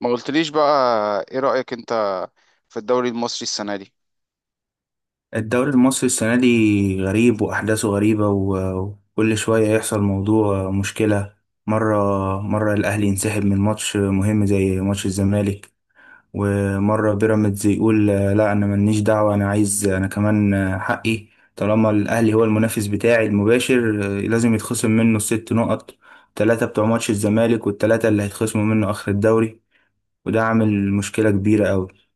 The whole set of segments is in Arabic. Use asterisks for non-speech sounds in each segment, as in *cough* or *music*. ما قلتليش بقى، ايه رأيك انت في الدوري المصري السنة دي؟ الدوري المصري السنة دي غريب وأحداثه غريبة وكل شوية يحصل موضوع مشكلة. مرة مرة الأهلي ينسحب من ماتش مهم زي ماتش الزمالك، ومرة بيراميدز يقول لا أنا ملنيش دعوة، أنا كمان حقي طالما الأهلي هو المنافس بتاعي المباشر لازم يتخصم منه الست نقط، التلاتة بتوع ماتش الزمالك والتلاتة اللي هيتخصموا منه آخر الدوري. وده عامل مشكلة كبيرة أوي.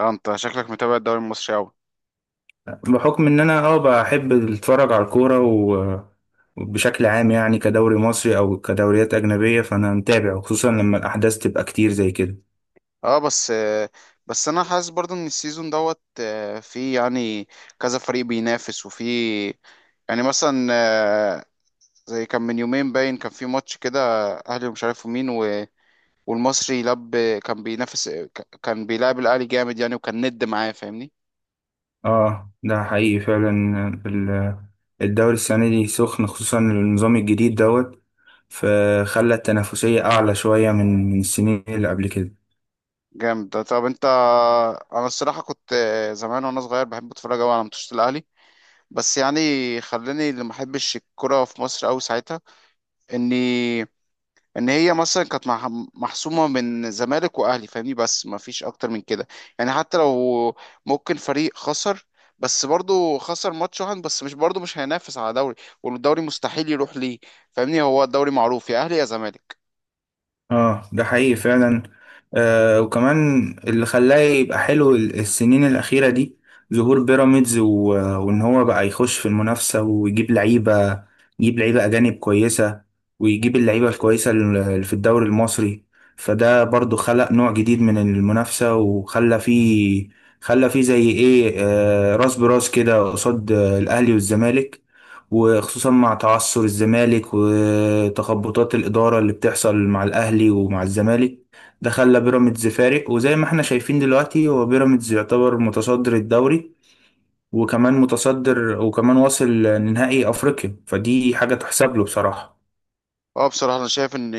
اه انت شكلك متابع الدوري المصري اوي. بحكم ان انا بحب اتفرج على الكوره وبشكل عام يعني كدوري مصري او كدوريات اجنبيه فانا متابع، وخصوصا لما الاحداث تبقى كتير زي كده. اه بس، بس انا حاسس برضو ان السيزون دوت في كذا فريق بينافس، وفي مثلا زي كان من يومين باين كان في ماتش كده، اهلي ومش عارف مين والمصري لب، كان بينافس كان بيلعب الاهلي جامد يعني، وكان ند معاه، فاهمني؟ اه، ده حقيقي فعلا. ال- الدوري السنه دي سخن، خصوصا النظام الجديد دوت، فخلى التنافسيه اعلى شويه من السنين اللي قبل كده. جامد ده. طب انت، انا الصراحة كنت زمان وانا صغير بحب اتفرج اوي على ماتشات الاهلي، بس يعني خلاني اللي ما احبش الكرة في مصر قوي ساعتها، اني ان هي مثلا كانت محسومة من زمالك واهلي، فاهمني؟ بس ما فيش اكتر من كده. يعني حتى لو ممكن فريق خسر، بس برضه خسر ماتش واحد بس، مش برضه مش هينافس على دوري، والدوري مستحيل يروح ليه. فاهمني؟ هو الدوري معروف يا اهلي يا زمالك. اه، ده حقيقي فعلا. آه، وكمان اللي خلاه يبقى حلو السنين الأخيرة دي ظهور بيراميدز، وإن هو بقى يخش في المنافسة ويجيب لعيبة يجيب لعيبة أجانب كويسة، ويجيب اللعيبة الكويسة اللي في الدوري المصري. فده برضو خلق نوع جديد من المنافسة، وخلى فيه خلى فيه زي إيه، راس براس كده قصاد الأهلي والزمالك، وخصوصا مع تعثر الزمالك وتخبطات الإدارة اللي بتحصل مع الأهلي ومع الزمالك. ده خلى بيراميدز فارق، وزي ما احنا شايفين دلوقتي هو بيراميدز يعتبر متصدر الدوري، وكمان متصدر وكمان واصل لنهائي أفريقيا، فدي حاجة تحسب له بصراحة. اه بصراحة أنا شايف إن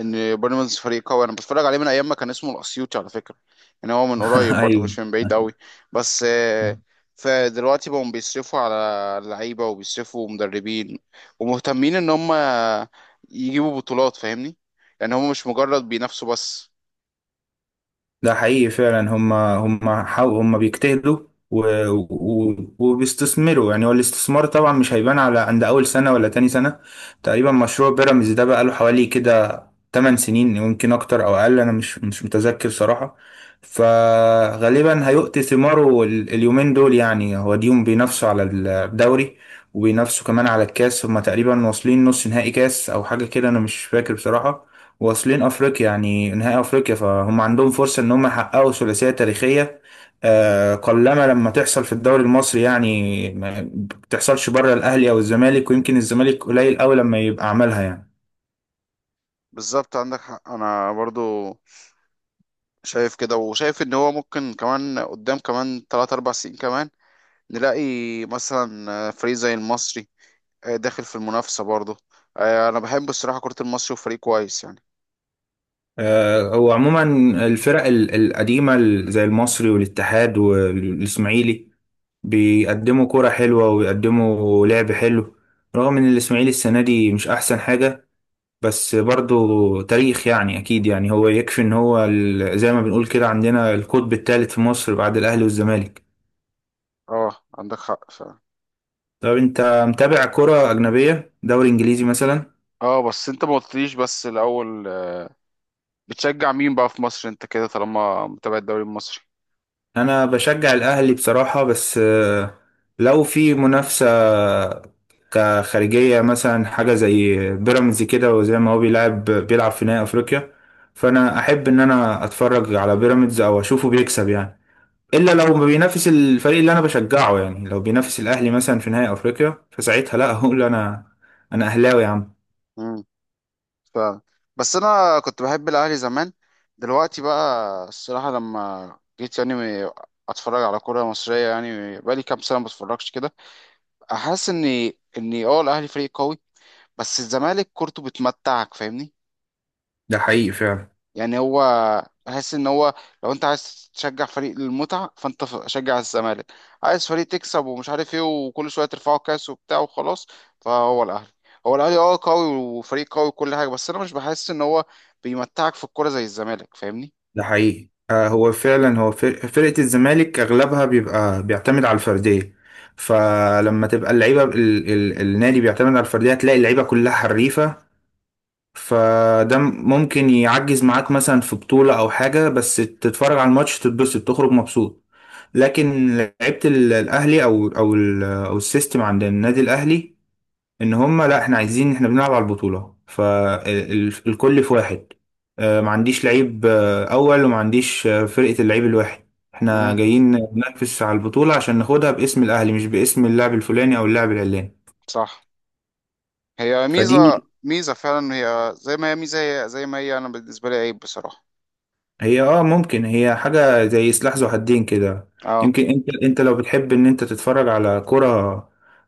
إن بيراميدز فريق قوي. أنا بتفرج عليه من أيام ما كان اسمه الأسيوطي على فكرة. يعني هو من *laughs* قريب برضه، أيوه. مش من بعيد أوي. بس فدلوقتي بقوا بيصرفوا على اللعيبة، وبيصرفوا مدربين، ومهتمين إن هم يجيبوا بطولات، فاهمني؟ يعني هم مش مجرد بينافسوا بس. ده حقيقي فعلا، هم بيجتهدوا و... وبيستثمروا. يعني هو الاستثمار طبعا مش هيبان على عند اول سنه ولا تاني سنه. تقريبا مشروع بيراميدز ده بقى له حوالي كده تمن سنين، يمكن اكتر او اقل، انا مش متذكر صراحة. فغالبا هيؤتي ثماره اليومين دول، يعني هو ديهم بينافسوا على الدوري وبينافسوا كمان على الكاس، هما تقريبا واصلين نص نهائي كاس او حاجة كده، انا مش فاكر بصراحة. واصلين افريقيا يعني نهائي افريقيا، فهم عندهم فرصة ان هم يحققوا ثلاثية تاريخية قلما لما تحصل في الدوري المصري. يعني ما بتحصلش بره الاهلي او الزمالك، ويمكن الزمالك قليل قوي لما يبقى عملها يعني. بالظبط، عندك حق. أنا برضه شايف كده، وشايف إن هو ممكن كمان قدام كمان تلات أربع سنين كمان نلاقي مثلا فريق زي المصري داخل في المنافسة برضه. انا بحب الصراحة كرة المصري، وفريق كويس يعني. هو عموما الفرق القديمة زي المصري والاتحاد والإسماعيلي بيقدموا كرة حلوة وبيقدموا لعب حلو، رغم إن الإسماعيلي السنة دي مش أحسن حاجة، بس برضو تاريخ يعني أكيد. يعني هو يكفي إن هو زي ما بنقول كده عندنا القطب الثالث في مصر بعد الأهلي والزمالك. اه عندك حق فعلا. طب أنت متابع كرة أجنبية، دوري إنجليزي مثلا؟ اه بس انت ما قلتليش بس الاول، بتشجع مين بقى في مصر انت كده، طالما متابع الدوري المصري؟ انا بشجع الاهلي بصراحة، بس لو في منافسة كخارجية مثلا حاجة زي بيراميدز كده، وزي ما هو بيلعب بيلعب في نهائي افريقيا، فانا احب ان انا اتفرج على بيراميدز او اشوفه بيكسب يعني. الا لو ما بينافس الفريق اللي انا بشجعه، يعني لو بينافس الاهلي مثلا في نهائي افريقيا فساعتها لا، هقول انا انا اهلاوي يا عم. امم، فعلا. بس انا كنت بحب الاهلي زمان. دلوقتي بقى، الصراحة لما جيت يعني م- اتفرج على كرة مصرية، يعني بقالي كام سنة ما بتفرجش كده، احس اني اه الاهلي فريق قوي، بس الزمالك كورته بتمتعك، فاهمني؟ ده حقيقي فعلا. يعني هو، بحس ان هو لو انت عايز تشجع فريق للمتعه، فانت شجع الزمالك. عايز فريق تكسب ومش عارف ايه، وكل شويه ترفعوا كاس وبتاع وخلاص، فهو الاهلي، هو الاهلي اه قوي، وفريق قوي وكل حاجه، بس انا مش بحس ان هو بيمتعك في الكوره زي الزمالك، فاهمني؟ ده حقيقي. آه، هو فعلا هو فرقة الزمالك أغلبها بيبقى بيعتمد على الفردية، فلما تبقى اللعيبة ال ال النادي بيعتمد على الفردية هتلاقي اللعيبة كلها حريفة. فده ممكن يعجز معاك مثلا في بطولة أو حاجة، بس تتفرج على الماتش تتبسط تخرج مبسوط. لكن لعيبة الأهلي أو أو أو السيستم عند النادي الأهلي ان هم لا، احنا عايزين احنا بنلعب على البطولة، فالكل في واحد. ما عنديش لعيب اول، وما عنديش فرقة اللعيب الواحد، احنا امم، جايين ننافس على البطولة عشان ناخدها باسم الاهلي مش باسم اللاعب الفلاني او اللاعب العلاني. صح. هي ميزه، فدي ميزه فعلا، هي زي ما هي ميزه، هي زي ما هي انا بالنسبه لي عيب بصراحه. هي، ممكن هي حاجة زي سلاح ذو حدين كده. اه، يمكن انت لو بتحب ان انت تتفرج على كرة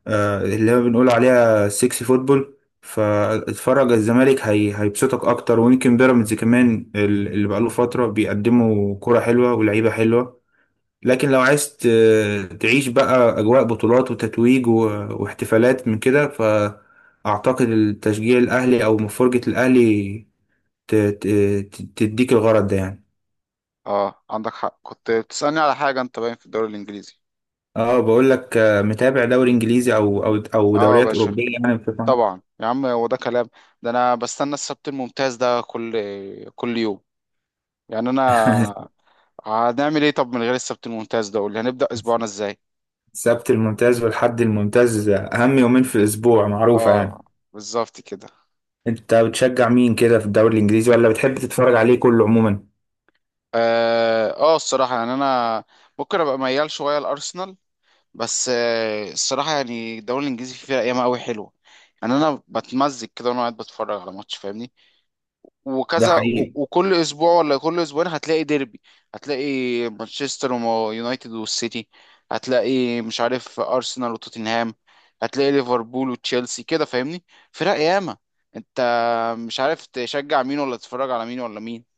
اللي هو بنقول عليها سيكسي فوتبول، فاتفرج على الزمالك هي هيبسطك اكتر، ويمكن بيراميدز كمان اللي بقاله فترة بيقدموا كرة حلوة ولعيبة حلوة. لكن لو عايز تعيش بقى اجواء بطولات وتتويج واحتفالات من كده، فاعتقد التشجيع الاهلي او مفرجة الاهلي ت- ت- تديك الغرض ده يعني. اه عندك حق. كنت بتسالني على حاجه، انت باين في الدوري الانجليزي. اه، بقول لك متابع دوري انجليزي او اه يا دوريات باشا، اوروبيه يعني بشكل عام. طبعا يا عم، هو ده كلام. ده انا بستنى السبت الممتاز ده كل كل يوم يعني. انا *laughs* هنعمل ايه طب من غير السبت الممتاز ده؟ قول لي هنبدأ اسبوعنا ازاي. السبت الممتاز والحد الممتاز اهم يومين في الاسبوع معروفه اه، يعني. بالظبط كده. انت بتشجع مين كده في الدوري الانجليزي، ولا بتحب تتفرج عليه كله عموما؟ اه الصراحة يعني انا ممكن ابقى ميال شوية لارسنال، بس آه الصراحة يعني الدوري الانجليزي فيها ايام قوي حلوة. يعني انا بتمزج كده وانا قاعد بتفرج على ماتش، فاهمني؟ ده وكذا حقيقي. وكل اسبوع ولا كل اسبوعين هتلاقي ديربي. هتلاقي مانشستر ويونايتد والسيتي، هتلاقي مش عارف ارسنال وتوتنهام، هتلاقي ليفربول وتشيلسي كده، فاهمني؟ فرق ياما، انت مش عارف تشجع مين ولا تتفرج على مين ولا مين.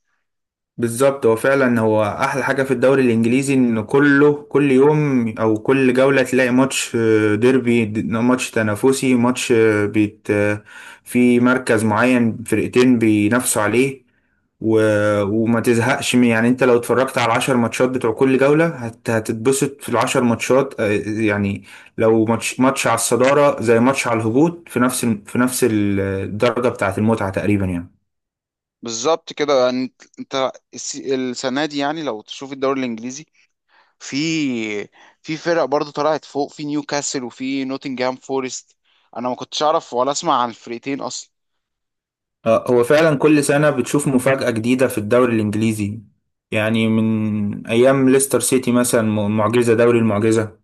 بالظبط، هو فعلا هو احلى حاجه في الدوري الانجليزي ان كله كل يوم او كل جوله تلاقي ماتش ديربي، ماتش تنافسي، ماتش بيت في مركز معين فرقتين بينافسوا عليه، و... وما تزهقش من. يعني انت لو اتفرجت على العشر ماتشات بتوع كل جولة هتتبسط في العشر ماتشات يعني. لو ماتش ماتش على الصدارة زي ماتش على الهبوط في نفس في نفس الدرجة بتاعة المتعة تقريبا يعني. بالظبط كده. يعني انت، انت السنه دي، يعني لو تشوف الدوري الانجليزي، في في فرق برضو طلعت فوق، في نيوكاسل وفي نوتنجهام فورست. انا ما كنتش اعرف ولا اسمع عن الفرقتين اصلا. هو فعلا كل سنة بتشوف مفاجأة جديدة في الدوري الإنجليزي، يعني من أيام ليستر سيتي مثلا، معجزة دوري المعجزة.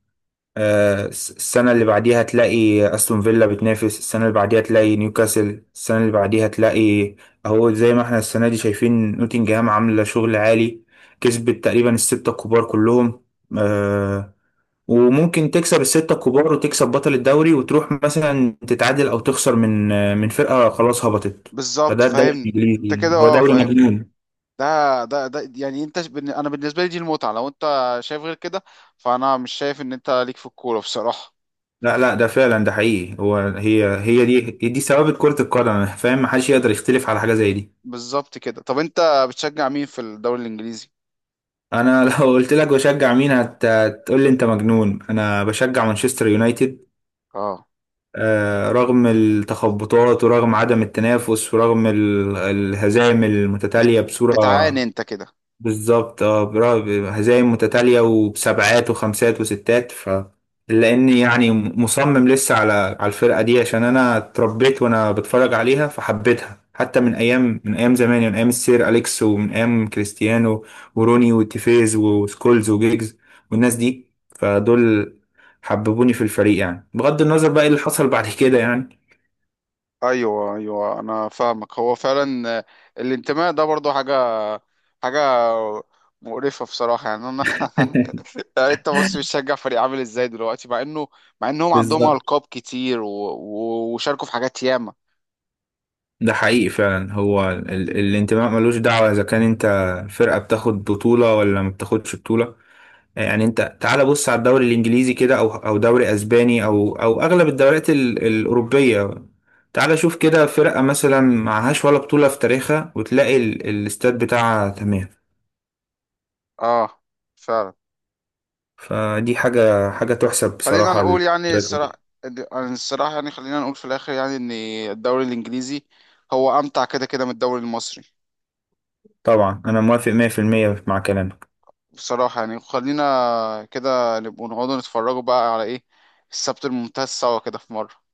السنة اللي بعديها تلاقي أستون فيلا بتنافس، السنة اللي بعديها تلاقي نيوكاسل، السنة اللي بعديها تلاقي أهو زي ما احنا السنة دي شايفين نوتنجهام عاملة شغل عالي، كسبت تقريبا الستة الكبار كلهم. آه، وممكن تكسب الستة الكبار وتكسب بطل الدوري وتروح مثلا تتعادل أو تخسر من فرقة خلاص هبطت. بالظبط فده الدوري فاهمني الإنجليزي انت كده، يعني. هو اه دوري فاهمني. مجنون. ده ده يعني انت انا بالنسبه لي دي المتعه. لو انت شايف غير كده، فانا مش شايف ان انت ليك في الكوره بصراحه. لا لا، ده فعلا ده حقيقي هو هي دي ثوابت كرة القدم فاهم، محدش يقدر يختلف على حاجة زي دي. بالظبط كده. طب انت بتشجع مين في الدوري الانجليزي؟ أنا *laughs* لو قلت لك بشجع مين هتقول لي أنت مجنون، أنا بشجع مانشستر يونايتد. اه رغم التخبطات ورغم عدم التنافس ورغم الهزائم بت... المتتالية بصورة. بتعاني انت كده. بالظبط، اه، هزايم متتالية وبسبعات وخمسات وستات ف لاني يعني مصمم لسه على الفرقة دي عشان انا اتربيت وانا بتفرج عليها فحبيتها، حتى من ايام زمان يعني من ايام السير اليكس ومن ايام كريستيانو وروني وتيفيز وسكولز وجيجز والناس دي. فدول حببوني في الفريق يعني، بغض النظر بقى ايه اللي حصل بعد كده يعني. ايوه ايوه، انا فاهمك. هو فعلا الانتماء ده برضو حاجه، حاجه مقرفه بصراحه، يعني انا *laughs* *laughs* يعني انت بص، بتشجع فريق عامل ازاي دلوقتي، مع انه مع انهم عندهم بالظبط. القاب كتير و... و... وشاركوا في حاجات ياما. ده حقيقي فعلا هو الانتماء ملوش دعوة إذا كان أنت فرقة بتاخد بطولة ولا ما بتاخدش بطولة. يعني أنت تعال بص على الدوري الإنجليزي كده أو دوري أسباني أو أغلب الدوريات الأوروبية. تعال شوف كده فرقة مثلا معهاش ولا بطولة في تاريخها، وتلاقي الاستاد بتاعها تمام. اه فعلا. فدي حاجة تحسب خلينا بصراحة نقول يعني للفرقة الصراحه، دي. الصراحه يعني خلينا نقول في الاخر يعني ان الدوري الانجليزي هو امتع كده كده من الدوري المصري. طبعا أنا موافق 100% مع كلامك. بصراحه يعني خلينا كده نبقوا نقعدوا نتفرجوا بقى على ايه، السبت الممتاز، سوا كده في مره.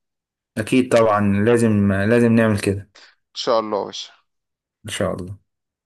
أكيد طبعا، لازم لازم نعمل كده. ان شاء الله يا باشا. إن شاء الله.